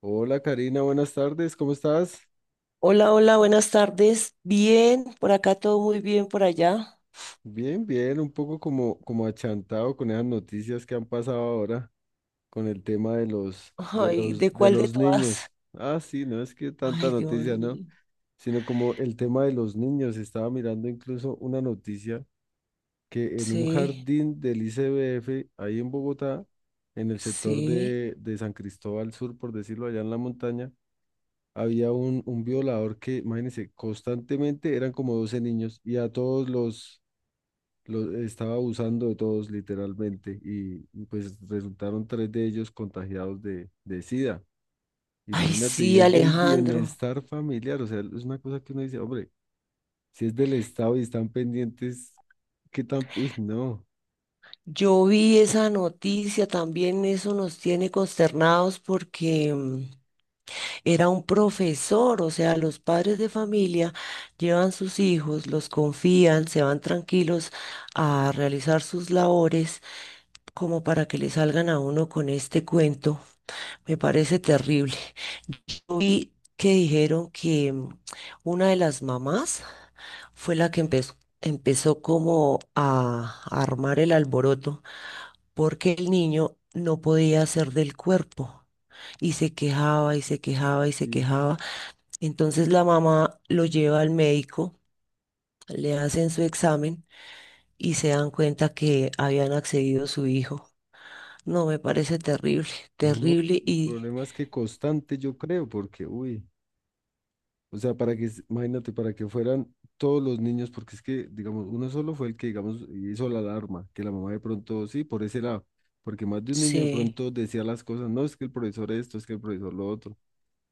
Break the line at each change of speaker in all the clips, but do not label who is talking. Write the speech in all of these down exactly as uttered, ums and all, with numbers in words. Hola Karina, buenas tardes, ¿cómo estás?
Hola, hola, buenas tardes. Bien, por acá todo muy bien, por allá.
Bien, bien, un poco como, como achantado con esas noticias que han pasado ahora con el tema de los, de
Ay, ¿de
los, de
cuál de
los
todas?
niños. Ah, sí, no es que tanta
Ay, Dios
noticia, ¿no?
mío.
Sino como el tema de los niños. Estaba mirando incluso una noticia que en un
Sí,
jardín del I C B F, ahí en Bogotá, en el sector
sí.
de, de San Cristóbal Sur, por decirlo allá en la montaña, había un, un violador que, imagínense, constantemente eran como doce niños y a todos los, los estaba abusando de todos literalmente y, y, pues resultaron tres de ellos contagiados de, de SIDA.
Ay,
Imagínate, y
sí,
es del
Alejandro.
bienestar familiar, o sea, es una cosa que uno dice, hombre, si es del Estado y están pendientes, ¿qué tan? Uy, no,
Yo vi esa noticia, también eso nos tiene consternados porque mm, era un profesor, o sea, los padres de familia llevan sus hijos, los confían, se van tranquilos a realizar sus labores, como para que le salgan a uno con este cuento. Me parece terrible. Yo vi que dijeron que mm, una de las mamás fue la que empezó, empezó como a, a armar el alboroto porque el niño no podía hacer del cuerpo y se quejaba y se quejaba y se
y
quejaba. Entonces la mamá lo lleva al médico, le hacen su examen y se dan cuenta que habían accedido a su hijo. No, me parece terrible,
no,
terrible
el
y
problema es que constante yo creo, porque, uy. O sea, para que, s- imagínate, para que fueran todos los niños, porque es que, digamos, uno solo fue el que, digamos, hizo la alarma, que la mamá de pronto, sí, por ese lado, porque más de un niño de
sí.
pronto decía las cosas, no, es que el profesor esto, es que el profesor lo otro.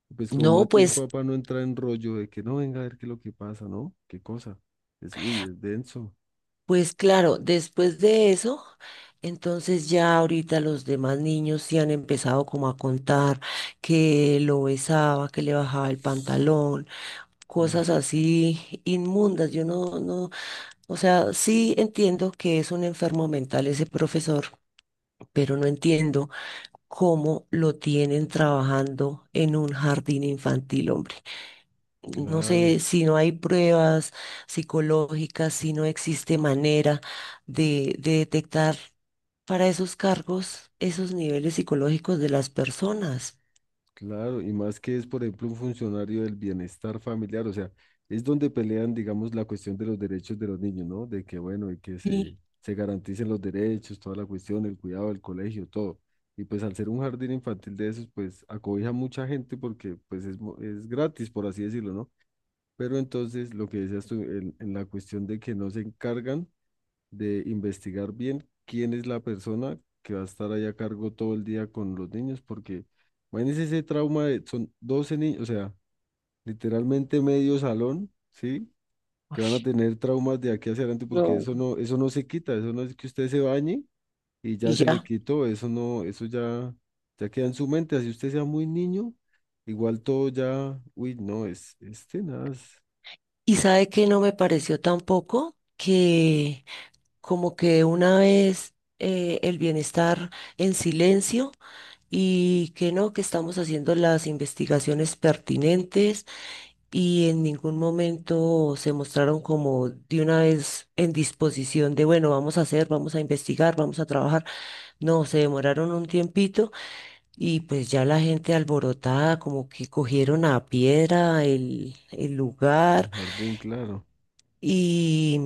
Y Pues como
No,
más de un
pues,
papá no entra en rollo de que no venga a ver qué es lo que pasa, ¿no? ¿Qué cosa? Es, uy, es denso.
pues claro, después de eso, entonces ya ahorita los demás niños sí han empezado como a contar que lo besaba, que le bajaba el pantalón,
Uy,
cosas así inmundas. Yo no, no. O sea, sí entiendo que es un enfermo mental ese profesor, pero no entiendo cómo lo tienen trabajando en un jardín infantil, hombre. No
claro.
sé si no hay pruebas psicológicas, si no existe manera de, de detectar para esos cargos esos niveles psicológicos de las personas.
Claro, y más que es, por ejemplo, un funcionario del bienestar familiar, o sea, es donde pelean, digamos, la cuestión de los derechos de los niños, ¿no? De que, bueno, y que se,
Y,
se garanticen los derechos, toda la cuestión, el cuidado del colegio, todo. Y pues al ser un jardín infantil de esos, pues acobija mucha gente porque pues es, mo- es gratis, por así decirlo, ¿no? Pero entonces, lo que decías tú, en en la cuestión de que no se encargan de investigar bien quién es la persona que va a estar ahí a cargo todo el día con los niños, porque imagínense ese trauma de, son doce niños, o sea, literalmente medio salón, ¿sí? Que van a
uy,
tener traumas de aquí hacia adelante, porque
no,
eso no, eso no se quita, eso no es que usted se bañe y ya
y
se le
ya.
quitó, eso no, eso ya, ya queda en su mente, así usted sea muy niño, igual todo ya, uy, no, es, este nada, es.
¿Y sabe que no me pareció tampoco? Que como que una vez eh, el bienestar en silencio y que no, que estamos haciendo las investigaciones pertinentes y en ningún momento se mostraron como de una vez en disposición de, bueno, vamos a hacer, vamos a investigar, vamos a trabajar. No, se demoraron un tiempito y pues ya la gente alborotada, como que cogieron a piedra el, el
Ujú.
lugar
Jardín, claro.
y,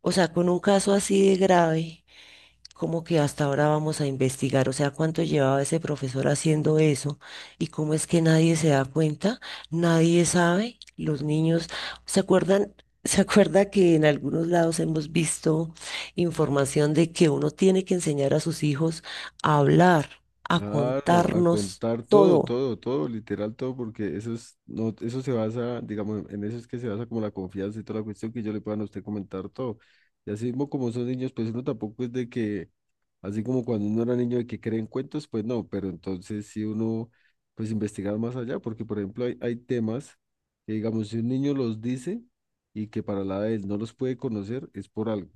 o sea, con un caso así de grave. Como que hasta ahora vamos a investigar, o sea, cuánto llevaba ese profesor haciendo eso y cómo es que nadie se da cuenta, nadie sabe, los niños se acuerdan. ¿Se acuerda que en algunos lados hemos visto información de que uno tiene que enseñar a sus hijos a hablar, a
Claro, a
contarnos
contar todo,
todo?
todo, todo, literal todo, porque eso es, no, eso se basa, digamos, en eso es que se basa como la confianza y toda la cuestión que yo le puedan a usted comentar todo. Y así mismo como son niños, pues uno tampoco es de que, así como cuando uno era niño de que creen cuentos, pues no, pero entonces si uno, pues investigar más allá, porque por ejemplo hay, hay temas que, digamos, si un niño los dice y que para la edad de él no los puede conocer, es por algo,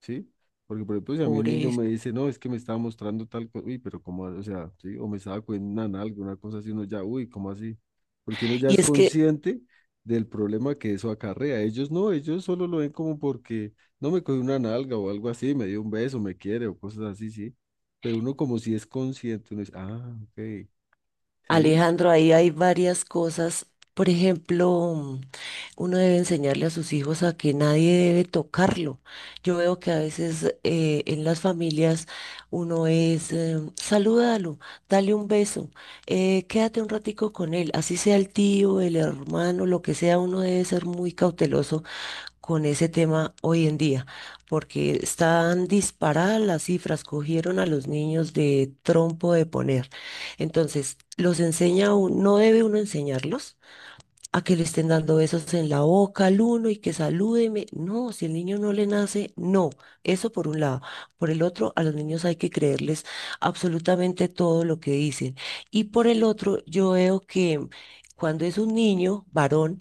¿sí? Porque, por ejemplo, si a mí un
Por
niño
eso.
me dice, no, es que me estaba mostrando tal cosa, uy, pero cómo, o sea, sí, o me estaba cogiendo una nalga, una cosa así, uno ya, uy, ¿cómo así? Porque uno ya
Y
es
es que,
consciente del problema que eso acarrea. Ellos no, ellos solo lo ven como porque no me cogió una nalga o algo así, me dio un beso, me quiere o cosas así, sí. Pero uno como si es consciente, uno dice, ah, ok, sí,
Alejandro, ahí hay varias cosas. Por ejemplo, uno debe enseñarle a sus hijos a que nadie debe tocarlo. Yo veo que a veces eh, en las familias uno es, eh, salúdalo, dale un beso, eh, quédate un ratico con él, así sea el tío, el hermano, lo que sea, uno debe ser muy cauteloso con ese tema hoy en día, porque están disparadas las cifras, cogieron a los niños de trompo de poner. Entonces, los enseña uno, no debe uno enseñarlos a que le estén dando besos en la boca al uno y que salúdeme. No, si el niño no le nace, no. Eso por un lado. Por el otro, a los niños hay que creerles absolutamente todo lo que dicen. Y por el otro, yo veo que cuando es un niño varón,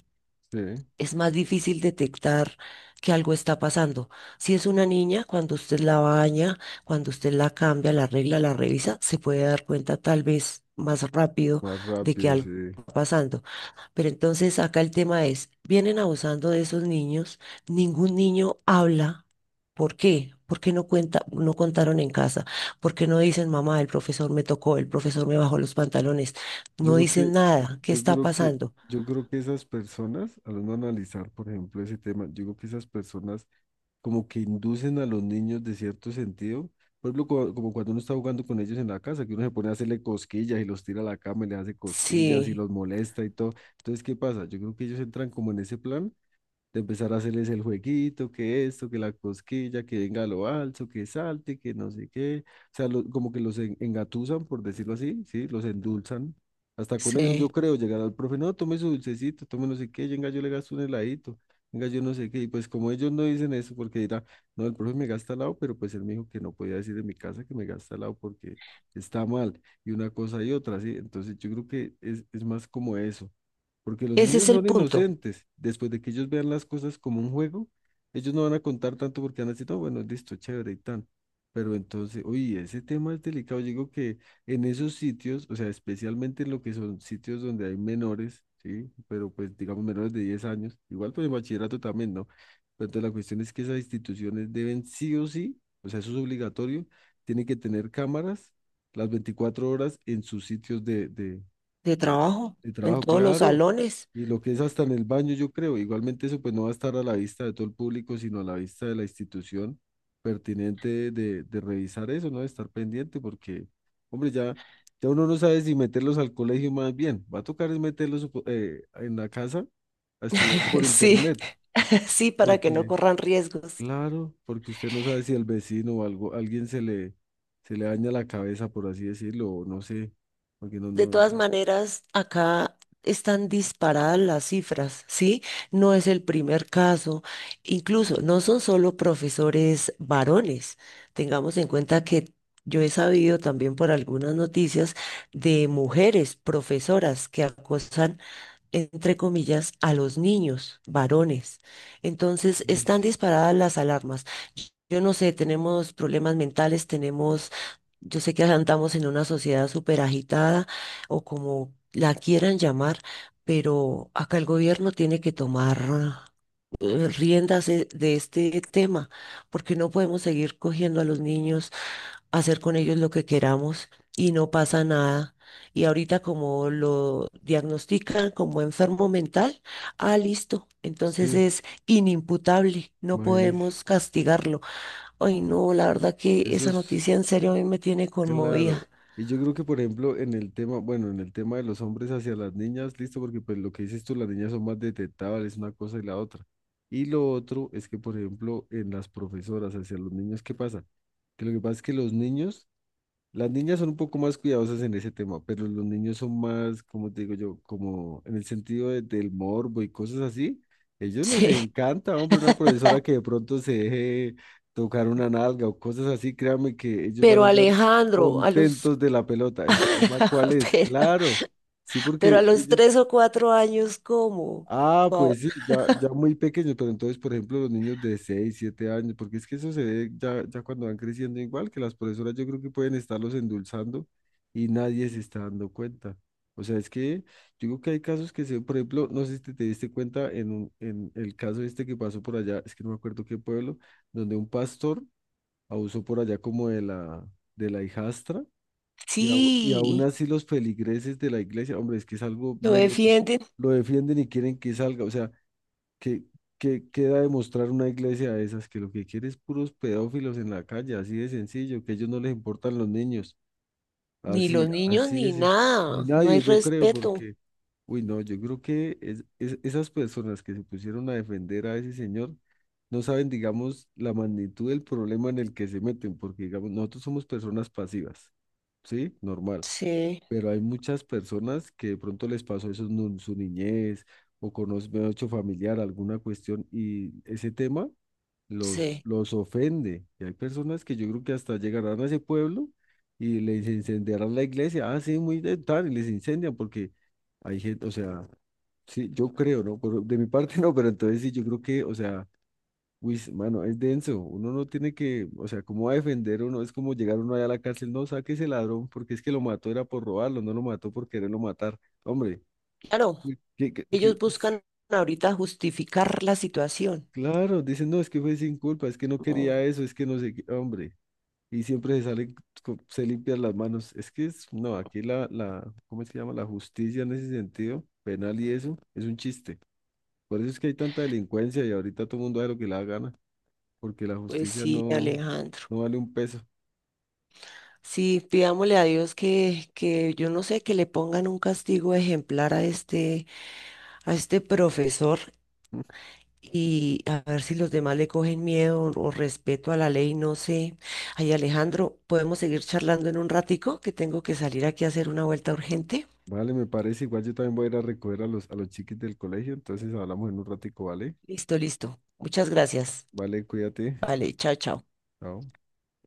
sí,
es más difícil detectar que algo está pasando. Si es una niña, cuando usted la baña, cuando usted la cambia, la arregla, la revisa, se puede dar cuenta tal vez más rápido
más
de que
rápido,
algo
sí.
está pasando. Pero entonces acá el tema es, vienen abusando de esos niños, ningún niño habla. ¿Por qué? ¿Por qué no cuenta, no contaron en casa? ¿Por qué no dicen, mamá, el profesor me tocó, el profesor me bajó los pantalones?
Yo
No
creo
dicen
que,
nada. ¿Qué
yo
está
creo que,
pasando?
yo creo que esas personas, al uno analizar, por ejemplo, ese tema, yo creo que esas personas como que inducen a los niños de cierto sentido. Por ejemplo, cua- como cuando uno está jugando con ellos en la casa, que uno se pone a hacerle cosquillas y los tira a la cama y le hace cosquillas y
Sí,
los molesta y todo. Entonces, ¿qué pasa? Yo creo que ellos entran como en ese plan de empezar a hacerles el jueguito, que esto, que la cosquilla, que venga lo alto, que salte, que no sé qué. O sea, lo- como que los en- engatusan, por decirlo así, ¿sí? Los endulzan. Hasta con eso yo
sí.
creo llegar al profe, no, tome su dulcecito, tome no sé qué, venga, yo le gasto un heladito, venga, yo no sé qué. Y pues como ellos no dicen eso, porque dirán, no, el profe me gasta helado, pero pues él me dijo que no podía decir en mi casa que me gasta helado porque está mal, y una cosa y otra, ¿sí? Entonces yo creo que es, es más como eso porque los
Ese
niños
es el
son
punto
inocentes. Después de que ellos vean las cosas como un juego, ellos no van a contar tanto porque van a decir, no, bueno, listo, chévere y tan. Pero entonces, oye, ese tema es delicado. Yo digo que en esos sitios, o sea, especialmente en lo que son sitios donde hay menores, ¿sí? Pero pues digamos menores de diez años, igual pues en bachillerato también, ¿no? Pero entonces la cuestión es que esas instituciones deben sí o sí, o sea, eso es obligatorio, tienen que tener cámaras las veinticuatro horas en sus sitios de, de,
de
de,
trabajo
de
en
trabajo,
todos los
claro.
salones.
Y lo que es hasta en el baño, yo creo. Igualmente eso pues no va a estar a la vista de todo el público, sino a la vista de la institución pertinente de, de revisar eso, ¿no? De estar pendiente, porque, hombre, ya, ya uno no sabe si meterlos al colegio más bien. Va a tocar es meterlos eh, en la casa a estudiar por
Sí.
internet,
Sí, para que no
porque,
corran riesgos.
claro, porque usted no sabe si al vecino o algo, alguien se le, se le daña la cabeza, por así decirlo, o no sé, porque no,
De
no.
todas maneras, acá están disparadas las cifras, ¿sí? No es el primer caso. Incluso no son solo profesores varones. Tengamos en cuenta que yo he sabido también por algunas noticias de mujeres profesoras que acosan entre comillas, a los niños, varones. Entonces, están
Ish,
disparadas las alarmas. Yo no sé, tenemos problemas mentales, tenemos, yo sé que andamos en una sociedad súper agitada o como la quieran llamar, pero acá el gobierno tiene que tomar eh, riendas de de este tema, porque no podemos seguir cogiendo a los niños hacer con ellos lo que queramos y no pasa nada. Y ahorita como lo diagnostican como enfermo mental, ah, listo, entonces
sí.
es inimputable, no
Imagínese,
podemos castigarlo. Ay, no, la verdad que
eso
esa
es
noticia en serio a mí me tiene
claro.
conmovida.
Y yo creo que, por ejemplo, en el tema, bueno, en el tema de los hombres hacia las niñas, listo, porque pues lo que dices tú, las niñas son más detectables, una cosa y la otra. Y lo otro es que, por ejemplo, en las profesoras hacia los niños, ¿qué pasa? Que lo que pasa es que los niños. Las niñas son un poco más cuidadosas en ese tema, pero los niños son más, como te digo yo, como en el sentido de- del morbo y cosas así. Ellos les
Sí,
encanta, hombre, una profesora que de pronto se deje tocar una nalga o cosas así, créanme que ellos van a
pero
andar
Alejandro, a los...
contentos de la pelota. ¿El problema cuál es?
pero,
Claro, sí,
pero a
porque
los
ellos.
tres o cuatro años, ¿cómo?
Ah,
Wow.
pues sí, ya, ya muy pequeños, pero entonces, por ejemplo, los niños de seis, siete años, porque es que eso se ve ya, ya cuando van creciendo igual, que las profesoras yo creo que pueden estarlos endulzando y nadie se está dando cuenta. O sea, es que yo creo que hay casos que se, por ejemplo, no sé si te, te diste cuenta en, un- en el caso este que pasó por allá, es que no me acuerdo qué pueblo, donde un pastor abusó por allá como de la, de la, hijastra y, au- y aún
Sí,
así los feligreses de la iglesia, hombre, es que es algo
lo
muy loco,
defienden.
lo defienden y quieren que salga, o sea. ¿Qué, qué queda demostrar una iglesia de esas que lo que quiere es puros pedófilos en la calle, así de sencillo, que a ellos no les importan los niños,
Ni
así,
los niños
así
ni
es, ni
nada, no hay
nadie, yo creo,
respeto.
porque, uy, no, yo creo que es- es- esas personas que se pusieron a defender a ese señor no saben, digamos, la magnitud del problema en el que se meten, porque, digamos, nosotros somos personas pasivas, ¿sí? Normal.
Sí,
Pero hay muchas personas que de pronto les pasó eso en un- su niñez o conocen mejor dicho, familiar, alguna cuestión y ese tema los,
sí.
los ofende. Y hay personas que yo creo que hasta llegarán a ese pueblo y les incendiarán la iglesia. Ah, sí, muy de tal, y les incendian porque hay gente, o sea, sí, yo creo, ¿no? Por- de mi parte no, pero entonces sí, yo creo que, o sea, uy, mano, es denso. Uno no tiene que, o sea, ¿cómo va a defender uno? Es como llegar uno allá a la cárcel, no, saque ese ladrón, porque es que lo mató era por robarlo, no lo mató por quererlo matar. Hombre,
Claro,
que, que- que-
ellos buscan ahorita justificar la situación.
claro, dicen, no, es que fue sin culpa, es que no
Oh,
quería eso, es que no sé qué, hombre. Y siempre se salen, co- se limpian las manos. Es que es, no, aquí la, la, ¿cómo es que se llama? La justicia en ese sentido, penal y eso, es un chiste. Por eso es que hay tanta delincuencia y ahorita todo el mundo hace lo que le da gana, porque la
pues
justicia
sí,
no,
Alejandro.
no vale un peso.
Sí, pidámosle a Dios que, que yo no sé, que le pongan un castigo ejemplar a este, a este profesor y a ver si los demás le cogen miedo o, o respeto a la ley, no sé. Ay, Alejandro, ¿podemos seguir charlando en un ratico? Que tengo que salir aquí a hacer una vuelta urgente.
Vale, me parece. Igual yo también voy a ir a recoger a los, a los chiquis del colegio. Entonces hablamos en un ratico, ¿vale?
Listo, listo. Muchas gracias.
Vale, cuídate.
Vale, chao, chao.
Chao.